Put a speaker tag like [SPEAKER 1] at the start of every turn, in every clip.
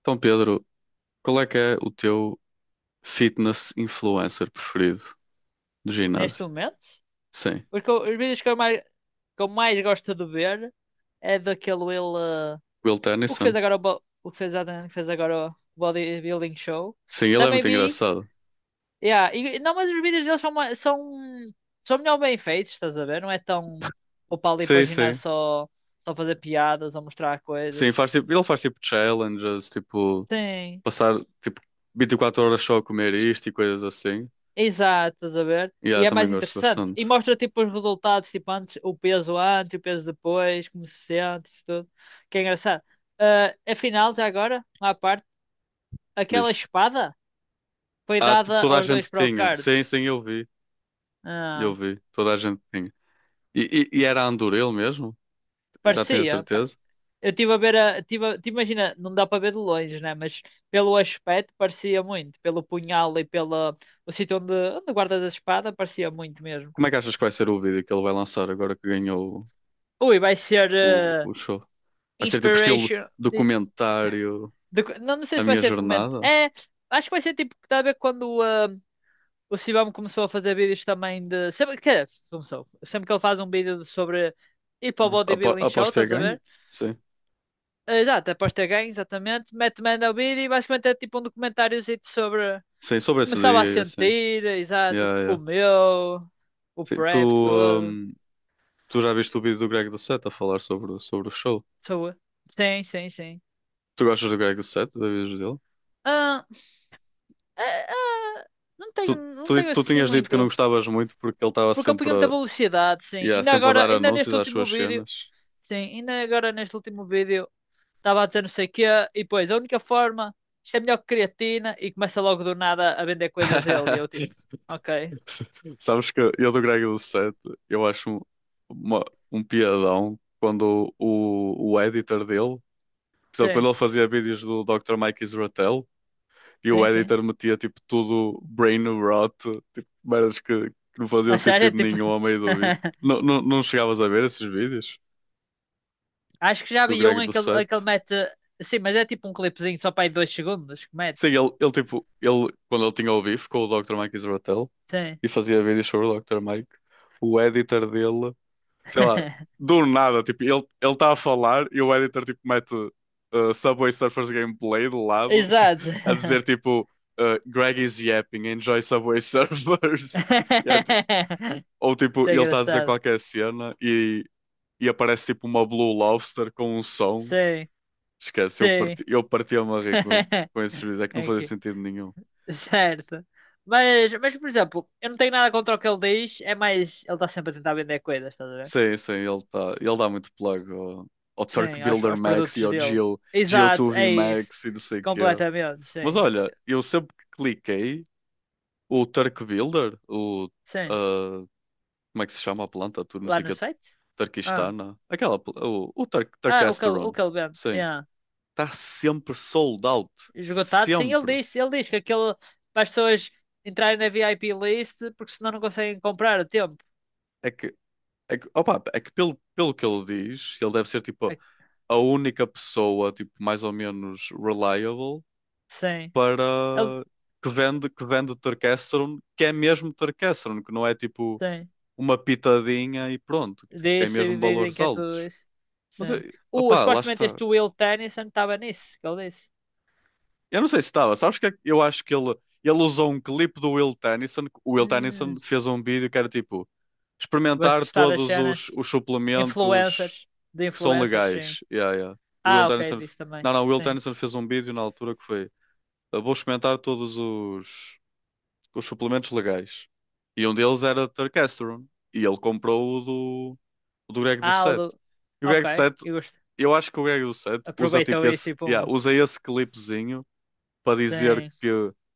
[SPEAKER 1] Então, Pedro, qual é que é o teu fitness influencer preferido do
[SPEAKER 2] Neste
[SPEAKER 1] ginásio?
[SPEAKER 2] momento.
[SPEAKER 1] Sim,
[SPEAKER 2] Os vídeos que eu mais gosto de ver é daquele ele.
[SPEAKER 1] Will Tennyson.
[SPEAKER 2] O que fez agora o bodybuilding show.
[SPEAKER 1] Sim, ele é
[SPEAKER 2] Também
[SPEAKER 1] muito
[SPEAKER 2] vi.
[SPEAKER 1] engraçado.
[SPEAKER 2] Yeah, não, mas os vídeos deles são melhor bem feitos, estás a ver? Não é tão. Vou para ali para o
[SPEAKER 1] Sim,
[SPEAKER 2] ginásio
[SPEAKER 1] sim.
[SPEAKER 2] só fazer piadas ou mostrar
[SPEAKER 1] Sim,
[SPEAKER 2] coisas.
[SPEAKER 1] faz tipo, ele faz tipo challenges, tipo,
[SPEAKER 2] Sim,
[SPEAKER 1] passar tipo 24 horas só a comer isto e coisas assim.
[SPEAKER 2] exato, estás a ver?
[SPEAKER 1] E yeah,
[SPEAKER 2] E é
[SPEAKER 1] também
[SPEAKER 2] mais
[SPEAKER 1] gosto
[SPEAKER 2] interessante. E
[SPEAKER 1] bastante.
[SPEAKER 2] mostra tipo os resultados, tipo antes, o peso depois, como se sente, isso tudo. Que é engraçado. Ah, afinal, já agora, à parte, aquela
[SPEAKER 1] Diz.
[SPEAKER 2] espada foi
[SPEAKER 1] Ah,
[SPEAKER 2] dada
[SPEAKER 1] toda a
[SPEAKER 2] aos dois
[SPEAKER 1] gente tinha. Sim,
[SPEAKER 2] Procards.
[SPEAKER 1] sim, eu vi. Eu
[SPEAKER 2] Ah,
[SPEAKER 1] vi. Toda a gente tinha. E, e era Andor ele mesmo? Já tenho a
[SPEAKER 2] parecia.
[SPEAKER 1] certeza.
[SPEAKER 2] Eu estive a ver a. Te imagina, não dá para ver de longe, né? Mas pelo aspecto parecia muito. Pelo punhal e pelo o sítio onde guardas a espada, parecia muito mesmo.
[SPEAKER 1] Como é que achas que vai ser o vídeo que ele vai lançar agora que ganhou
[SPEAKER 2] Ui, vai ser
[SPEAKER 1] o, o, o show? Vai ser tipo estilo
[SPEAKER 2] Inspiration.
[SPEAKER 1] documentário
[SPEAKER 2] Não, não sei
[SPEAKER 1] a
[SPEAKER 2] se vai
[SPEAKER 1] minha
[SPEAKER 2] ser documento.
[SPEAKER 1] jornada.
[SPEAKER 2] É, acho que vai ser tipo, está a ver quando o Sibam começou a fazer vídeos também de. Sempre, quer dizer, começou. Sempre que ele faz um vídeo sobre ir para o
[SPEAKER 1] Apo
[SPEAKER 2] bodybuilding show,
[SPEAKER 1] aposto que é
[SPEAKER 2] estás a
[SPEAKER 1] ganho.
[SPEAKER 2] ver?
[SPEAKER 1] Sim.
[SPEAKER 2] Ah, exato, após ter ganho, exatamente. Mete manda o vídeo e basicamente é tipo um documentáriozinho sobre.
[SPEAKER 1] Sim, sobre esse
[SPEAKER 2] Começava a
[SPEAKER 1] dia, assim.
[SPEAKER 2] sentir, exato, o
[SPEAKER 1] Yeah,
[SPEAKER 2] que
[SPEAKER 1] yeah.
[SPEAKER 2] comeu, o
[SPEAKER 1] Sim,
[SPEAKER 2] prep todo.
[SPEAKER 1] hum, tu já viste o vídeo do Greg do Set a falar sobre o show?
[SPEAKER 2] Sou- Sim, sim, sim.
[SPEAKER 1] Tu gostas do Greg do Set, dos vídeos dele?
[SPEAKER 2] Ah, ah, ah, não
[SPEAKER 1] Tu,
[SPEAKER 2] tenho,
[SPEAKER 1] tu,
[SPEAKER 2] não
[SPEAKER 1] disse-
[SPEAKER 2] tenho
[SPEAKER 1] tu
[SPEAKER 2] assim
[SPEAKER 1] tinhas dito que não
[SPEAKER 2] muito.
[SPEAKER 1] gostavas muito porque ele estava
[SPEAKER 2] Porque eu
[SPEAKER 1] sempre,
[SPEAKER 2] punha muita
[SPEAKER 1] a-
[SPEAKER 2] velocidade, sim.
[SPEAKER 1] Yeah,
[SPEAKER 2] Ainda
[SPEAKER 1] sempre a
[SPEAKER 2] agora,
[SPEAKER 1] dar
[SPEAKER 2] ainda
[SPEAKER 1] anúncios
[SPEAKER 2] neste
[SPEAKER 1] às
[SPEAKER 2] último
[SPEAKER 1] suas
[SPEAKER 2] vídeo,
[SPEAKER 1] cenas.
[SPEAKER 2] sim, ainda agora neste último vídeo, estava a dizer não sei o quê, e depois, a única forma, isto é melhor que creatina, e começa logo do nada a vender coisas dele, e eu tipo, ok,
[SPEAKER 1] Sabes que eu do Greg do Set, eu acho uma, um piadão quando o editor dele. Por exemplo, quando
[SPEAKER 2] sim,
[SPEAKER 1] ele fazia vídeos do Dr. Mike Israel e o
[SPEAKER 2] sim, sim.
[SPEAKER 1] editor metia tipo tudo brain rot, tipo, merdas que não faziam
[SPEAKER 2] A sério,
[SPEAKER 1] sentido
[SPEAKER 2] tipo,
[SPEAKER 1] nenhum ao meio do vídeo. Não, não, não chegavas a ver esses vídeos
[SPEAKER 2] acho que já
[SPEAKER 1] do
[SPEAKER 2] vi
[SPEAKER 1] Greg
[SPEAKER 2] um em
[SPEAKER 1] do
[SPEAKER 2] que ele,
[SPEAKER 1] Set?
[SPEAKER 2] em que ele mete, sim, mas é tipo um clipezinho só para aí 2 segundos que
[SPEAKER 1] Sim,
[SPEAKER 2] mete,
[SPEAKER 1] ele tipo, ele, quando ele tinha o beef com o Dr. Mike Israel
[SPEAKER 2] sim.
[SPEAKER 1] e fazia vídeos sobre o Dr. Mike, o editor dele sei lá, do nada, tipo, ele está a falar e o editor tipo mete Subway Surfers gameplay do lado,
[SPEAKER 2] Exato.
[SPEAKER 1] a dizer tipo Greg is yapping, enjoy Subway Surfers. E é, ti- ou tipo,
[SPEAKER 2] Isso é
[SPEAKER 1] ele está a dizer
[SPEAKER 2] engraçado,
[SPEAKER 1] qualquer cena e aparece tipo uma Blue Lobster com um som.
[SPEAKER 2] sim,
[SPEAKER 1] Esquece, eu
[SPEAKER 2] sim.
[SPEAKER 1] parti, eu partia-me a rir com, com esse vídeo, é que não
[SPEAKER 2] é
[SPEAKER 1] fazia
[SPEAKER 2] que.
[SPEAKER 1] sentido nenhum.
[SPEAKER 2] Certo. Mas, por exemplo, eu não tenho nada contra o que ele diz, é mais ele está sempre a tentar vender coisas, estás a ver?
[SPEAKER 1] Sim, sim, ele dá muito plug ao Turk
[SPEAKER 2] Sim, aos,
[SPEAKER 1] Builder
[SPEAKER 2] aos
[SPEAKER 1] Max
[SPEAKER 2] produtos
[SPEAKER 1] e ao
[SPEAKER 2] dele.
[SPEAKER 1] Geo,
[SPEAKER 2] Exato,
[SPEAKER 1] Geo2v
[SPEAKER 2] é isso.
[SPEAKER 1] Max e não sei o quê.
[SPEAKER 2] Completamente,
[SPEAKER 1] Mas
[SPEAKER 2] sim.
[SPEAKER 1] olha, eu sempre que cliquei, o Turk Builder, o.
[SPEAKER 2] Sim.
[SPEAKER 1] ah, Como é que se chama a planta? Tudo
[SPEAKER 2] Lá no
[SPEAKER 1] música
[SPEAKER 2] site? Ah,
[SPEAKER 1] turquistana. Aquela. O Turk,
[SPEAKER 2] o que ele, o
[SPEAKER 1] Turkasteron.
[SPEAKER 2] que ele vende.
[SPEAKER 1] Sim.
[SPEAKER 2] Yeah.
[SPEAKER 1] Está sempre sold out.
[SPEAKER 2] Esgotado, sim, ele
[SPEAKER 1] Sempre.
[SPEAKER 2] disse, ele diz que aquele para as pessoas entrarem na VIP list porque senão não conseguem comprar a tempo.
[SPEAKER 1] É que. É que pelo que ele diz, ele deve ser tipo
[SPEAKER 2] A-
[SPEAKER 1] a única pessoa, tipo, mais ou menos reliable
[SPEAKER 2] Sim. Ele,
[SPEAKER 1] para que vende Turkasteron, que é mesmo Turkasteron, que não é tipo
[SPEAKER 2] sim.
[SPEAKER 1] uma pitadinha e pronto, tipo,
[SPEAKER 2] De
[SPEAKER 1] tem mesmo valores
[SPEAKER 2] sobrevivência a tudo
[SPEAKER 1] altos.
[SPEAKER 2] isso.
[SPEAKER 1] Mas,
[SPEAKER 2] Sim.
[SPEAKER 1] opá, lá
[SPEAKER 2] Supostamente
[SPEAKER 1] está.
[SPEAKER 2] este Will Tennyson estava nisso, que ele disse.
[SPEAKER 1] Eu não sei se estava, sabes que é que eu acho que ele usou um clipe do Will Tennyson, que o Will Tennyson
[SPEAKER 2] Hum,
[SPEAKER 1] fez um vídeo que era tipo,
[SPEAKER 2] Vais
[SPEAKER 1] experimentar
[SPEAKER 2] testar as
[SPEAKER 1] todos os,
[SPEAKER 2] cenas.
[SPEAKER 1] os suplementos
[SPEAKER 2] Influencers. De
[SPEAKER 1] que são
[SPEAKER 2] influencers, sim.
[SPEAKER 1] legais. Yeah, yeah. O Will
[SPEAKER 2] Ah, ok,
[SPEAKER 1] Tennyson,
[SPEAKER 2] disse também.
[SPEAKER 1] não, não, o Will
[SPEAKER 2] Sim.
[SPEAKER 1] Tennyson fez um vídeo na altura que foi, "Eu vou experimentar todos os suplementos legais. E um deles era Tercasterone. E ele comprou o do Greg do
[SPEAKER 2] Ah, o
[SPEAKER 1] Set.
[SPEAKER 2] do.
[SPEAKER 1] E o Greg
[SPEAKER 2] Ok,
[SPEAKER 1] do Set
[SPEAKER 2] eu gosto.
[SPEAKER 1] eu acho que o Greg Lucete usa tipo
[SPEAKER 2] Aproveitou isso
[SPEAKER 1] esse,
[SPEAKER 2] e
[SPEAKER 1] yeah,
[SPEAKER 2] pum.
[SPEAKER 1] usa esse clipezinho para dizer
[SPEAKER 2] Sim.
[SPEAKER 1] que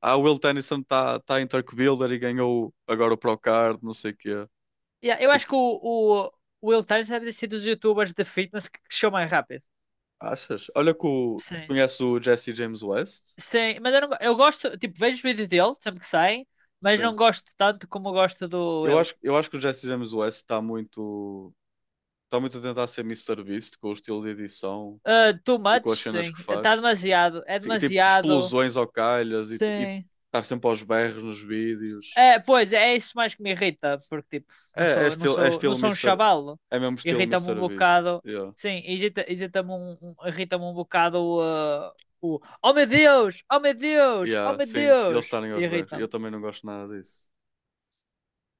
[SPEAKER 1] ah, o Will Tennyson está em Turk Builder e ganhou agora o Procard, não sei o quê.
[SPEAKER 2] Yeah, eu acho
[SPEAKER 1] Tipo,
[SPEAKER 2] que o o Will Tennyson deve ter sido dos youtubers de fitness que cresceu mais rápido.
[SPEAKER 1] achas? Olha que
[SPEAKER 2] Sim.
[SPEAKER 1] conhece o Jesse James West?
[SPEAKER 2] Sim, mas eu, não, eu gosto, tipo, vejo os vídeos dele sempre que saem, mas não
[SPEAKER 1] Sim.
[SPEAKER 2] gosto tanto como gosto do
[SPEAKER 1] Eu
[SPEAKER 2] Will.
[SPEAKER 1] acho, eu acho que o Jesse James West está muito a tentar ser Mr. Beast com o estilo de edição
[SPEAKER 2] Ah, too
[SPEAKER 1] e
[SPEAKER 2] much,
[SPEAKER 1] com as cenas
[SPEAKER 2] sim.
[SPEAKER 1] que
[SPEAKER 2] Está
[SPEAKER 1] faz.
[SPEAKER 2] demasiado. É
[SPEAKER 1] Sim, tipo,
[SPEAKER 2] demasiado.
[SPEAKER 1] explosões ao calhas e
[SPEAKER 2] Sim.
[SPEAKER 1] estar sempre aos berros nos vídeos.
[SPEAKER 2] É, pois, é isso mais que me irrita, porque tipo, não
[SPEAKER 1] É
[SPEAKER 2] sou, não
[SPEAKER 1] estilo, é
[SPEAKER 2] sou, não
[SPEAKER 1] estilo
[SPEAKER 2] sou um
[SPEAKER 1] Mister
[SPEAKER 2] chavalo.
[SPEAKER 1] É mesmo estilo
[SPEAKER 2] Irrita-me
[SPEAKER 1] Mister
[SPEAKER 2] um
[SPEAKER 1] Beast.
[SPEAKER 2] bocado.
[SPEAKER 1] Yeah.
[SPEAKER 2] Sim, irrita-me irrita-me um bocado o Oh meu Deus! Oh meu Deus! Oh
[SPEAKER 1] Yeah,
[SPEAKER 2] meu
[SPEAKER 1] sim, e eles
[SPEAKER 2] Deus!
[SPEAKER 1] estarem aos berros. Eu
[SPEAKER 2] Irrita-me.
[SPEAKER 1] também não gosto nada disso.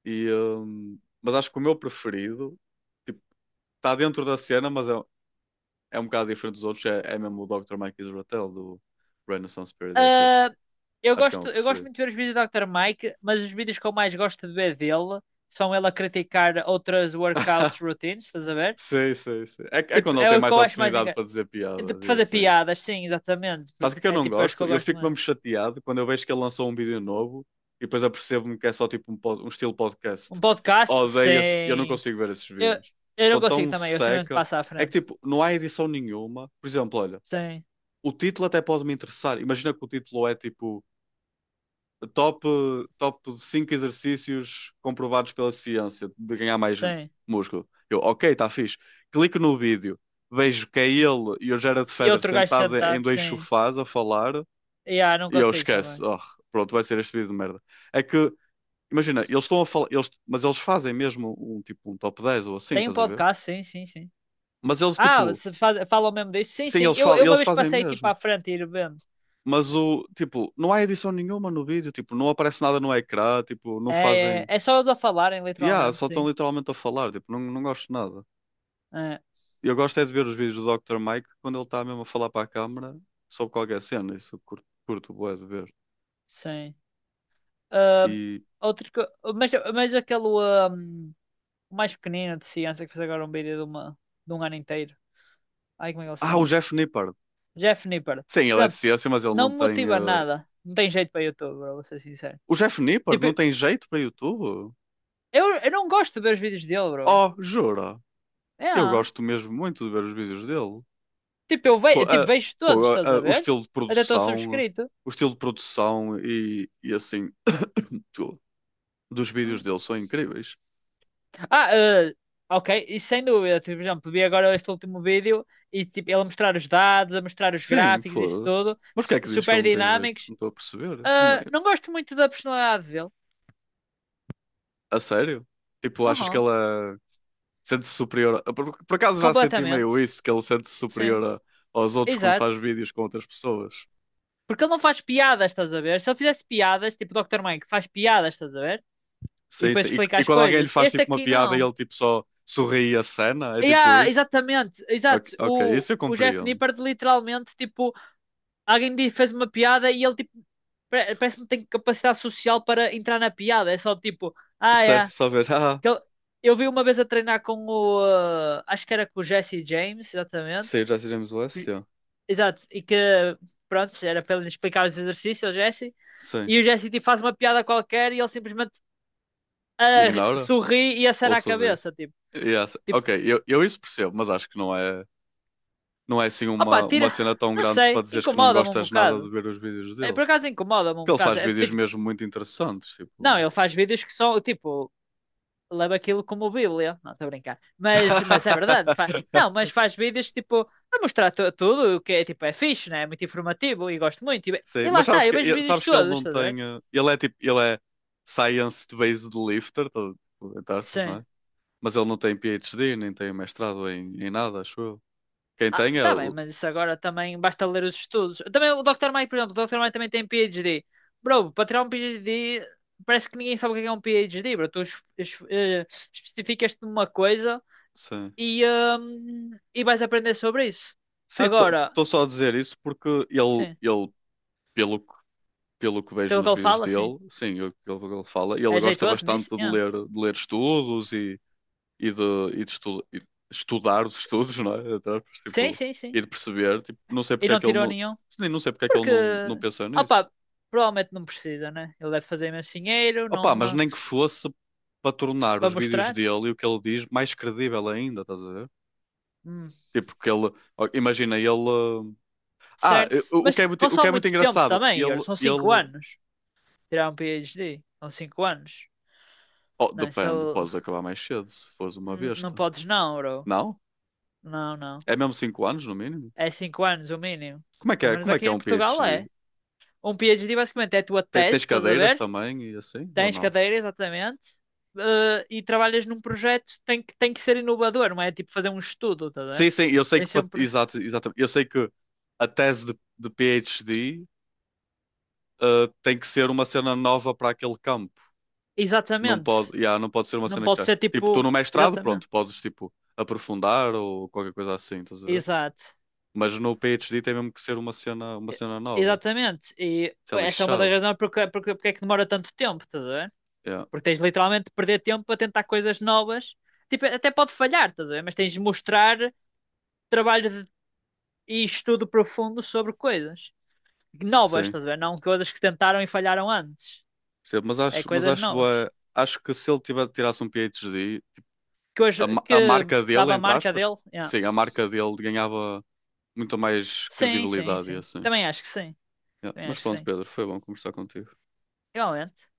[SPEAKER 1] Mas acho que o meu preferido, tipo, está dentro da cena, mas é um bocado diferente dos outros. É mesmo o Dr. Mike Israel do Renaissance Paradise.
[SPEAKER 2] Ah, eu
[SPEAKER 1] Acho que é o
[SPEAKER 2] gosto,
[SPEAKER 1] meu
[SPEAKER 2] eu gosto
[SPEAKER 1] preferido.
[SPEAKER 2] muito de ver os vídeos do Dr. Mike, mas os vídeos que eu mais gosto de ver dele são ele a criticar outras workouts routines, estás a ver?
[SPEAKER 1] Sim, sim, sim. É
[SPEAKER 2] Tipo,
[SPEAKER 1] quando ele
[SPEAKER 2] é
[SPEAKER 1] tem
[SPEAKER 2] o que
[SPEAKER 1] mais
[SPEAKER 2] eu acho mais
[SPEAKER 1] oportunidade
[SPEAKER 2] engraçado.
[SPEAKER 1] para dizer
[SPEAKER 2] De
[SPEAKER 1] piadas e
[SPEAKER 2] fazer
[SPEAKER 1] assim.
[SPEAKER 2] piadas, sim, exatamente.
[SPEAKER 1] Sabes o que é que eu
[SPEAKER 2] É
[SPEAKER 1] não
[SPEAKER 2] tipo, eu acho que eu
[SPEAKER 1] gosto? Eu
[SPEAKER 2] gosto
[SPEAKER 1] fico
[SPEAKER 2] mais.
[SPEAKER 1] mesmo chateado quando eu vejo que ele lançou um vídeo novo e depois apercebo-me que é só tipo um estilo podcast.
[SPEAKER 2] Um podcast,
[SPEAKER 1] Odeio esse, eu não
[SPEAKER 2] sim.
[SPEAKER 1] consigo ver esses
[SPEAKER 2] Eu,
[SPEAKER 1] vídeos.
[SPEAKER 2] eu não
[SPEAKER 1] São
[SPEAKER 2] consigo
[SPEAKER 1] tão
[SPEAKER 2] também, eu simplesmente
[SPEAKER 1] seca.
[SPEAKER 2] passo à
[SPEAKER 1] É que
[SPEAKER 2] frente.
[SPEAKER 1] tipo, não há edição nenhuma. Por exemplo, olha,
[SPEAKER 2] Sim,
[SPEAKER 1] o título até pode me interessar. Imagina que o título é tipo top, top 5 exercícios comprovados pela ciência de ganhar mais
[SPEAKER 2] sim.
[SPEAKER 1] músculo. Eu, ok, está fixe. Clico no vídeo, vejo que é ele e o Gerard
[SPEAKER 2] E
[SPEAKER 1] Federer
[SPEAKER 2] outro gajo
[SPEAKER 1] sentados em
[SPEAKER 2] sentado,
[SPEAKER 1] dois
[SPEAKER 2] sim.
[SPEAKER 1] sofás a falar.
[SPEAKER 2] E não
[SPEAKER 1] E eu
[SPEAKER 2] consigo
[SPEAKER 1] esquece.
[SPEAKER 2] também.
[SPEAKER 1] Oh, pronto, vai ser este vídeo de merda. É que, imagina, eles estão a falar, mas eles fazem mesmo um tipo um top 10 ou assim,
[SPEAKER 2] Tem um
[SPEAKER 1] estás a ver?
[SPEAKER 2] podcast, sim, sim, sim.
[SPEAKER 1] Mas eles
[SPEAKER 2] Ah,
[SPEAKER 1] tipo,
[SPEAKER 2] você faz, falam mesmo disso? Sim,
[SPEAKER 1] sim,
[SPEAKER 2] sim.
[SPEAKER 1] eles,
[SPEAKER 2] Eu,
[SPEAKER 1] fa
[SPEAKER 2] eu uma
[SPEAKER 1] eles
[SPEAKER 2] vez
[SPEAKER 1] fazem
[SPEAKER 2] passei tipo
[SPEAKER 1] mesmo.
[SPEAKER 2] à frente e ir vendo.
[SPEAKER 1] Mas o tipo, não há edição nenhuma no vídeo, tipo, não aparece nada no ecrã, tipo, não
[SPEAKER 2] É, é,
[SPEAKER 1] fazem.
[SPEAKER 2] é só eles a falarem,
[SPEAKER 1] Yeah,
[SPEAKER 2] literalmente,
[SPEAKER 1] só estão
[SPEAKER 2] sim.
[SPEAKER 1] literalmente a falar, tipo, não, não gosto de nada.
[SPEAKER 2] É,
[SPEAKER 1] Eu gosto é de ver os vídeos do Dr. Mike quando ele está mesmo a falar para a câmara sobre qualquer cena, isso eu curto, curto bué de ver.
[SPEAKER 2] sim. Ah,
[SPEAKER 1] E
[SPEAKER 2] outro que. Mas, aquele o mais pequenino de ciência que fez agora um vídeo de, uma, de um ano inteiro. Ai, como é que ele se
[SPEAKER 1] o
[SPEAKER 2] chama?
[SPEAKER 1] Jeff Nippard.
[SPEAKER 2] Jeff Nippard.
[SPEAKER 1] Sim, ele é de
[SPEAKER 2] Pronto,
[SPEAKER 1] ciência, mas ele
[SPEAKER 2] não
[SPEAKER 1] não
[SPEAKER 2] me
[SPEAKER 1] tem
[SPEAKER 2] motiva
[SPEAKER 1] eh,
[SPEAKER 2] nada. Não tem jeito para YouTube, bro, vou ser sincero.
[SPEAKER 1] O Jeff Nippard
[SPEAKER 2] Tipo,
[SPEAKER 1] não tem jeito para YouTube?
[SPEAKER 2] eu não gosto de ver os vídeos dele, bro.
[SPEAKER 1] Oh, jura?
[SPEAKER 2] É.
[SPEAKER 1] Eu gosto mesmo muito de ver os vídeos dele.
[SPEAKER 2] Tipo, eu
[SPEAKER 1] Fo-
[SPEAKER 2] vejo, tipo,
[SPEAKER 1] ah,
[SPEAKER 2] vejo todos,
[SPEAKER 1] pô, ah,
[SPEAKER 2] estás
[SPEAKER 1] ah,
[SPEAKER 2] a
[SPEAKER 1] o
[SPEAKER 2] ver?
[SPEAKER 1] estilo de
[SPEAKER 2] Até estou
[SPEAKER 1] produção,
[SPEAKER 2] subscrito.
[SPEAKER 1] o estilo de produção e assim, tudo dos vídeos
[SPEAKER 2] Hum.
[SPEAKER 1] dele são incríveis.
[SPEAKER 2] Ah, ok, e sem dúvida. Tipo, por exemplo, vi agora este último vídeo e tipo, ele a mostrar os dados, a mostrar os
[SPEAKER 1] Sim,
[SPEAKER 2] gráficos, isso
[SPEAKER 1] foda-se.
[SPEAKER 2] tudo,
[SPEAKER 1] Mas porquê é que dizes que ele
[SPEAKER 2] super
[SPEAKER 1] não tem jeito?
[SPEAKER 2] dinâmicos.
[SPEAKER 1] Não estou a perceber. Não
[SPEAKER 2] Ah,
[SPEAKER 1] é-
[SPEAKER 2] não gosto muito da personalidade dele.
[SPEAKER 1] A sério? Tipo, achas que
[SPEAKER 2] Uhum.
[SPEAKER 1] ela sente-se superior? Por acaso já senti
[SPEAKER 2] Completamente.
[SPEAKER 1] meio isso, que ele sente-se
[SPEAKER 2] Sim,
[SPEAKER 1] superior aos outros quando
[SPEAKER 2] exato.
[SPEAKER 1] faz vídeos com outras pessoas.
[SPEAKER 2] Porque ele não faz piadas, estás a ver? Se ele fizesse piadas, tipo o Dr. Mike, faz piadas, estás a ver? E
[SPEAKER 1] Sim, sim.
[SPEAKER 2] depois
[SPEAKER 1] E,
[SPEAKER 2] explica
[SPEAKER 1] e
[SPEAKER 2] as
[SPEAKER 1] quando alguém lhe
[SPEAKER 2] coisas.
[SPEAKER 1] faz
[SPEAKER 2] Este
[SPEAKER 1] tipo uma
[SPEAKER 2] aqui
[SPEAKER 1] piada e
[SPEAKER 2] não.
[SPEAKER 1] ele tipo só sorri e acena, é
[SPEAKER 2] E
[SPEAKER 1] tipo
[SPEAKER 2] há,
[SPEAKER 1] isso?
[SPEAKER 2] exatamente, exato.
[SPEAKER 1] Ok, ok,
[SPEAKER 2] O,
[SPEAKER 1] isso eu
[SPEAKER 2] o Jeff
[SPEAKER 1] compreendo.
[SPEAKER 2] Nippard literalmente, tipo, alguém lhe fez uma piada e ele, tipo, parece que não tem capacidade social para entrar na piada. É só tipo,
[SPEAKER 1] Certo,
[SPEAKER 2] é.
[SPEAKER 1] só ver,
[SPEAKER 2] Que ele- Eu vi uma vez a treinar com o. Acho que era com o Jesse James, exatamente.
[SPEAKER 1] sim, já iremos o leste, ó."
[SPEAKER 2] Exato, e que pronto, era para ele explicar os exercícios ao Jesse,
[SPEAKER 1] Sim.
[SPEAKER 2] e o Jesse tipo, faz uma piada qualquer e ele simplesmente
[SPEAKER 1] Ignora
[SPEAKER 2] sorri e
[SPEAKER 1] ou
[SPEAKER 2] acena a
[SPEAKER 1] sorri?
[SPEAKER 2] cabeça, tipo,
[SPEAKER 1] Yes.
[SPEAKER 2] tipo,
[SPEAKER 1] Ok, eu isso percebo, mas acho que não é assim
[SPEAKER 2] opa,
[SPEAKER 1] uma
[SPEAKER 2] tira,
[SPEAKER 1] cena tão
[SPEAKER 2] não
[SPEAKER 1] grande para
[SPEAKER 2] sei,
[SPEAKER 1] dizeres que não
[SPEAKER 2] incomoda-me um
[SPEAKER 1] gostas nada de
[SPEAKER 2] bocado.
[SPEAKER 1] ver os vídeos
[SPEAKER 2] É,
[SPEAKER 1] dele.
[SPEAKER 2] por acaso incomoda-me um
[SPEAKER 1] Porque ele
[SPEAKER 2] bocado.
[SPEAKER 1] faz
[SPEAKER 2] É,
[SPEAKER 1] vídeos
[SPEAKER 2] tipo,
[SPEAKER 1] mesmo muito interessantes,
[SPEAKER 2] não,
[SPEAKER 1] tipo.
[SPEAKER 2] ele faz vídeos que são, tipo, leva aquilo como Bíblia, não estou a brincar, mas, é verdade, não, mas faz vídeos tipo. A mostrar tudo o que é tipo é fixe, né? É muito informativo e gosto muito. E,
[SPEAKER 1] Sim,
[SPEAKER 2] e lá
[SPEAKER 1] mas
[SPEAKER 2] está,
[SPEAKER 1] sabes
[SPEAKER 2] eu
[SPEAKER 1] que,
[SPEAKER 2] vejo
[SPEAKER 1] e-
[SPEAKER 2] vídeos
[SPEAKER 1] sabes que ele
[SPEAKER 2] todos,
[SPEAKER 1] não
[SPEAKER 2] estás a ver?
[SPEAKER 1] tem. Ele é tipo. Ele é science-based lifter, tipo, entre aspas, não
[SPEAKER 2] Sim.
[SPEAKER 1] é? Mas ele não tem PhD, nem tem mestrado em, em nada, acho eu. Quem
[SPEAKER 2] Ah,
[SPEAKER 1] tem é
[SPEAKER 2] tá bem,
[SPEAKER 1] o.
[SPEAKER 2] mas isso agora também basta ler os estudos. Também o doutor Mike, por exemplo, o doutor Mike também tem PhD. Bro, para tirar um PhD, parece que ninguém sabe o que é um PhD, bro. Tu especificas-te numa coisa
[SPEAKER 1] Sim.
[SPEAKER 2] e, e vais aprender sobre isso.
[SPEAKER 1] Sim,
[SPEAKER 2] Agora,
[SPEAKER 1] estou só a dizer isso porque ele,
[SPEAKER 2] sim,
[SPEAKER 1] ele pelo, pelo que vejo
[SPEAKER 2] pelo que
[SPEAKER 1] nos
[SPEAKER 2] ele
[SPEAKER 1] vídeos
[SPEAKER 2] fala, sim.
[SPEAKER 1] dele, sim, o que ele fala, ele
[SPEAKER 2] É
[SPEAKER 1] gosta
[SPEAKER 2] jeitoso nisso?
[SPEAKER 1] bastante de
[SPEAKER 2] Yeah.
[SPEAKER 1] ler, de ler estudos e de, e estudar os estudos, não é? Entre aspas,
[SPEAKER 2] Sim,
[SPEAKER 1] tipo,
[SPEAKER 2] sim, sim.
[SPEAKER 1] e de perceber. Tipo, não sei
[SPEAKER 2] E
[SPEAKER 1] porque é
[SPEAKER 2] não
[SPEAKER 1] que ele
[SPEAKER 2] tirou
[SPEAKER 1] não.
[SPEAKER 2] nenhum.
[SPEAKER 1] Sim, não sei porque é que ele
[SPEAKER 2] Porque,
[SPEAKER 1] não pensou nisso.
[SPEAKER 2] opá, provavelmente não precisa, né? Ele deve fazer imenso dinheiro,
[SPEAKER 1] Opa,
[SPEAKER 2] não,
[SPEAKER 1] mas nem que fosse para tornar os
[SPEAKER 2] para
[SPEAKER 1] vídeos
[SPEAKER 2] mostrar.
[SPEAKER 1] dele e o que ele diz mais credível ainda, estás a ver?
[SPEAKER 2] Hum.
[SPEAKER 1] Tipo, que ele, ó, imagina, ele. Ah,
[SPEAKER 2] Certo?
[SPEAKER 1] o que
[SPEAKER 2] Mas
[SPEAKER 1] é muito, o que é
[SPEAKER 2] consome
[SPEAKER 1] muito,
[SPEAKER 2] muito tempo
[SPEAKER 1] engraçado,
[SPEAKER 2] também, Igor.
[SPEAKER 1] ele,
[SPEAKER 2] São 5
[SPEAKER 1] ele.
[SPEAKER 2] anos. Tirar um PhD. São 5 anos.
[SPEAKER 1] Oh,
[SPEAKER 2] Não, é? Se
[SPEAKER 1] depende,
[SPEAKER 2] ele-
[SPEAKER 1] podes acabar mais cedo se fores uma
[SPEAKER 2] Não
[SPEAKER 1] besta.
[SPEAKER 2] podes não, bro.
[SPEAKER 1] Não?
[SPEAKER 2] Não, não.
[SPEAKER 1] É mesmo 5 anos no mínimo?
[SPEAKER 2] É 5 anos o mínimo.
[SPEAKER 1] Como é que
[SPEAKER 2] Pelo
[SPEAKER 1] é,
[SPEAKER 2] menos
[SPEAKER 1] como é que
[SPEAKER 2] aqui
[SPEAKER 1] é
[SPEAKER 2] em
[SPEAKER 1] um
[SPEAKER 2] Portugal
[SPEAKER 1] PhD?
[SPEAKER 2] é. Um PhD basicamente é a tua tese,
[SPEAKER 1] Tens
[SPEAKER 2] estás a
[SPEAKER 1] cadeiras
[SPEAKER 2] ver?
[SPEAKER 1] também e assim, ou
[SPEAKER 2] Tens
[SPEAKER 1] não?
[SPEAKER 2] cadeira, exatamente. E trabalhas num projeto, tem que ser inovador, não é tipo fazer um estudo, estás a
[SPEAKER 1] Sim,
[SPEAKER 2] ver?
[SPEAKER 1] sim, eu sei
[SPEAKER 2] Tem
[SPEAKER 1] que.
[SPEAKER 2] sempre.
[SPEAKER 1] Exato, exatamente. Eu sei que a tese de PhD, tem que ser uma cena nova para aquele campo. Não
[SPEAKER 2] Exatamente.
[SPEAKER 1] pode, yeah, não pode ser uma
[SPEAKER 2] Não
[SPEAKER 1] cena que
[SPEAKER 2] pode
[SPEAKER 1] já.
[SPEAKER 2] ser
[SPEAKER 1] Tipo, tu
[SPEAKER 2] tipo.
[SPEAKER 1] no mestrado,
[SPEAKER 2] Exatamente.
[SPEAKER 1] pronto, podes tipo aprofundar ou qualquer coisa assim, estás a ver?
[SPEAKER 2] Exato.
[SPEAKER 1] Mas no PhD tem mesmo que ser uma
[SPEAKER 2] E-
[SPEAKER 1] cena nova.
[SPEAKER 2] Exatamente. E
[SPEAKER 1] Isso é
[SPEAKER 2] essa é uma das
[SPEAKER 1] lixado.
[SPEAKER 2] razões porque, é que demora tanto tempo, estás a ver?
[SPEAKER 1] Yeah,
[SPEAKER 2] Porque tens literalmente de perder tempo a tentar coisas novas. Tipo, até pode falhar, estás a ver? Mas tens de mostrar trabalho e estudo profundo sobre coisas novas,
[SPEAKER 1] sim.
[SPEAKER 2] estás a ver? Não coisas que tentaram e falharam antes.
[SPEAKER 1] Sim, mas
[SPEAKER 2] É
[SPEAKER 1] acho, mas
[SPEAKER 2] coisas
[SPEAKER 1] acho
[SPEAKER 2] novas.
[SPEAKER 1] boa. Acho que se ele tirasse um PhD,
[SPEAKER 2] Que
[SPEAKER 1] a,
[SPEAKER 2] hoje
[SPEAKER 1] ma- a
[SPEAKER 2] que
[SPEAKER 1] marca dele,
[SPEAKER 2] dava a
[SPEAKER 1] entre
[SPEAKER 2] marca
[SPEAKER 1] aspas,
[SPEAKER 2] dele. Yeah.
[SPEAKER 1] sim, a marca dele ganhava muito mais
[SPEAKER 2] Sim, sim,
[SPEAKER 1] credibilidade e
[SPEAKER 2] sim.
[SPEAKER 1] assim.
[SPEAKER 2] Também acho que sim.
[SPEAKER 1] Yeah,
[SPEAKER 2] Também
[SPEAKER 1] mas
[SPEAKER 2] acho que
[SPEAKER 1] pronto,
[SPEAKER 2] sim.
[SPEAKER 1] Pedro, foi bom conversar contigo.
[SPEAKER 2] Igualmente.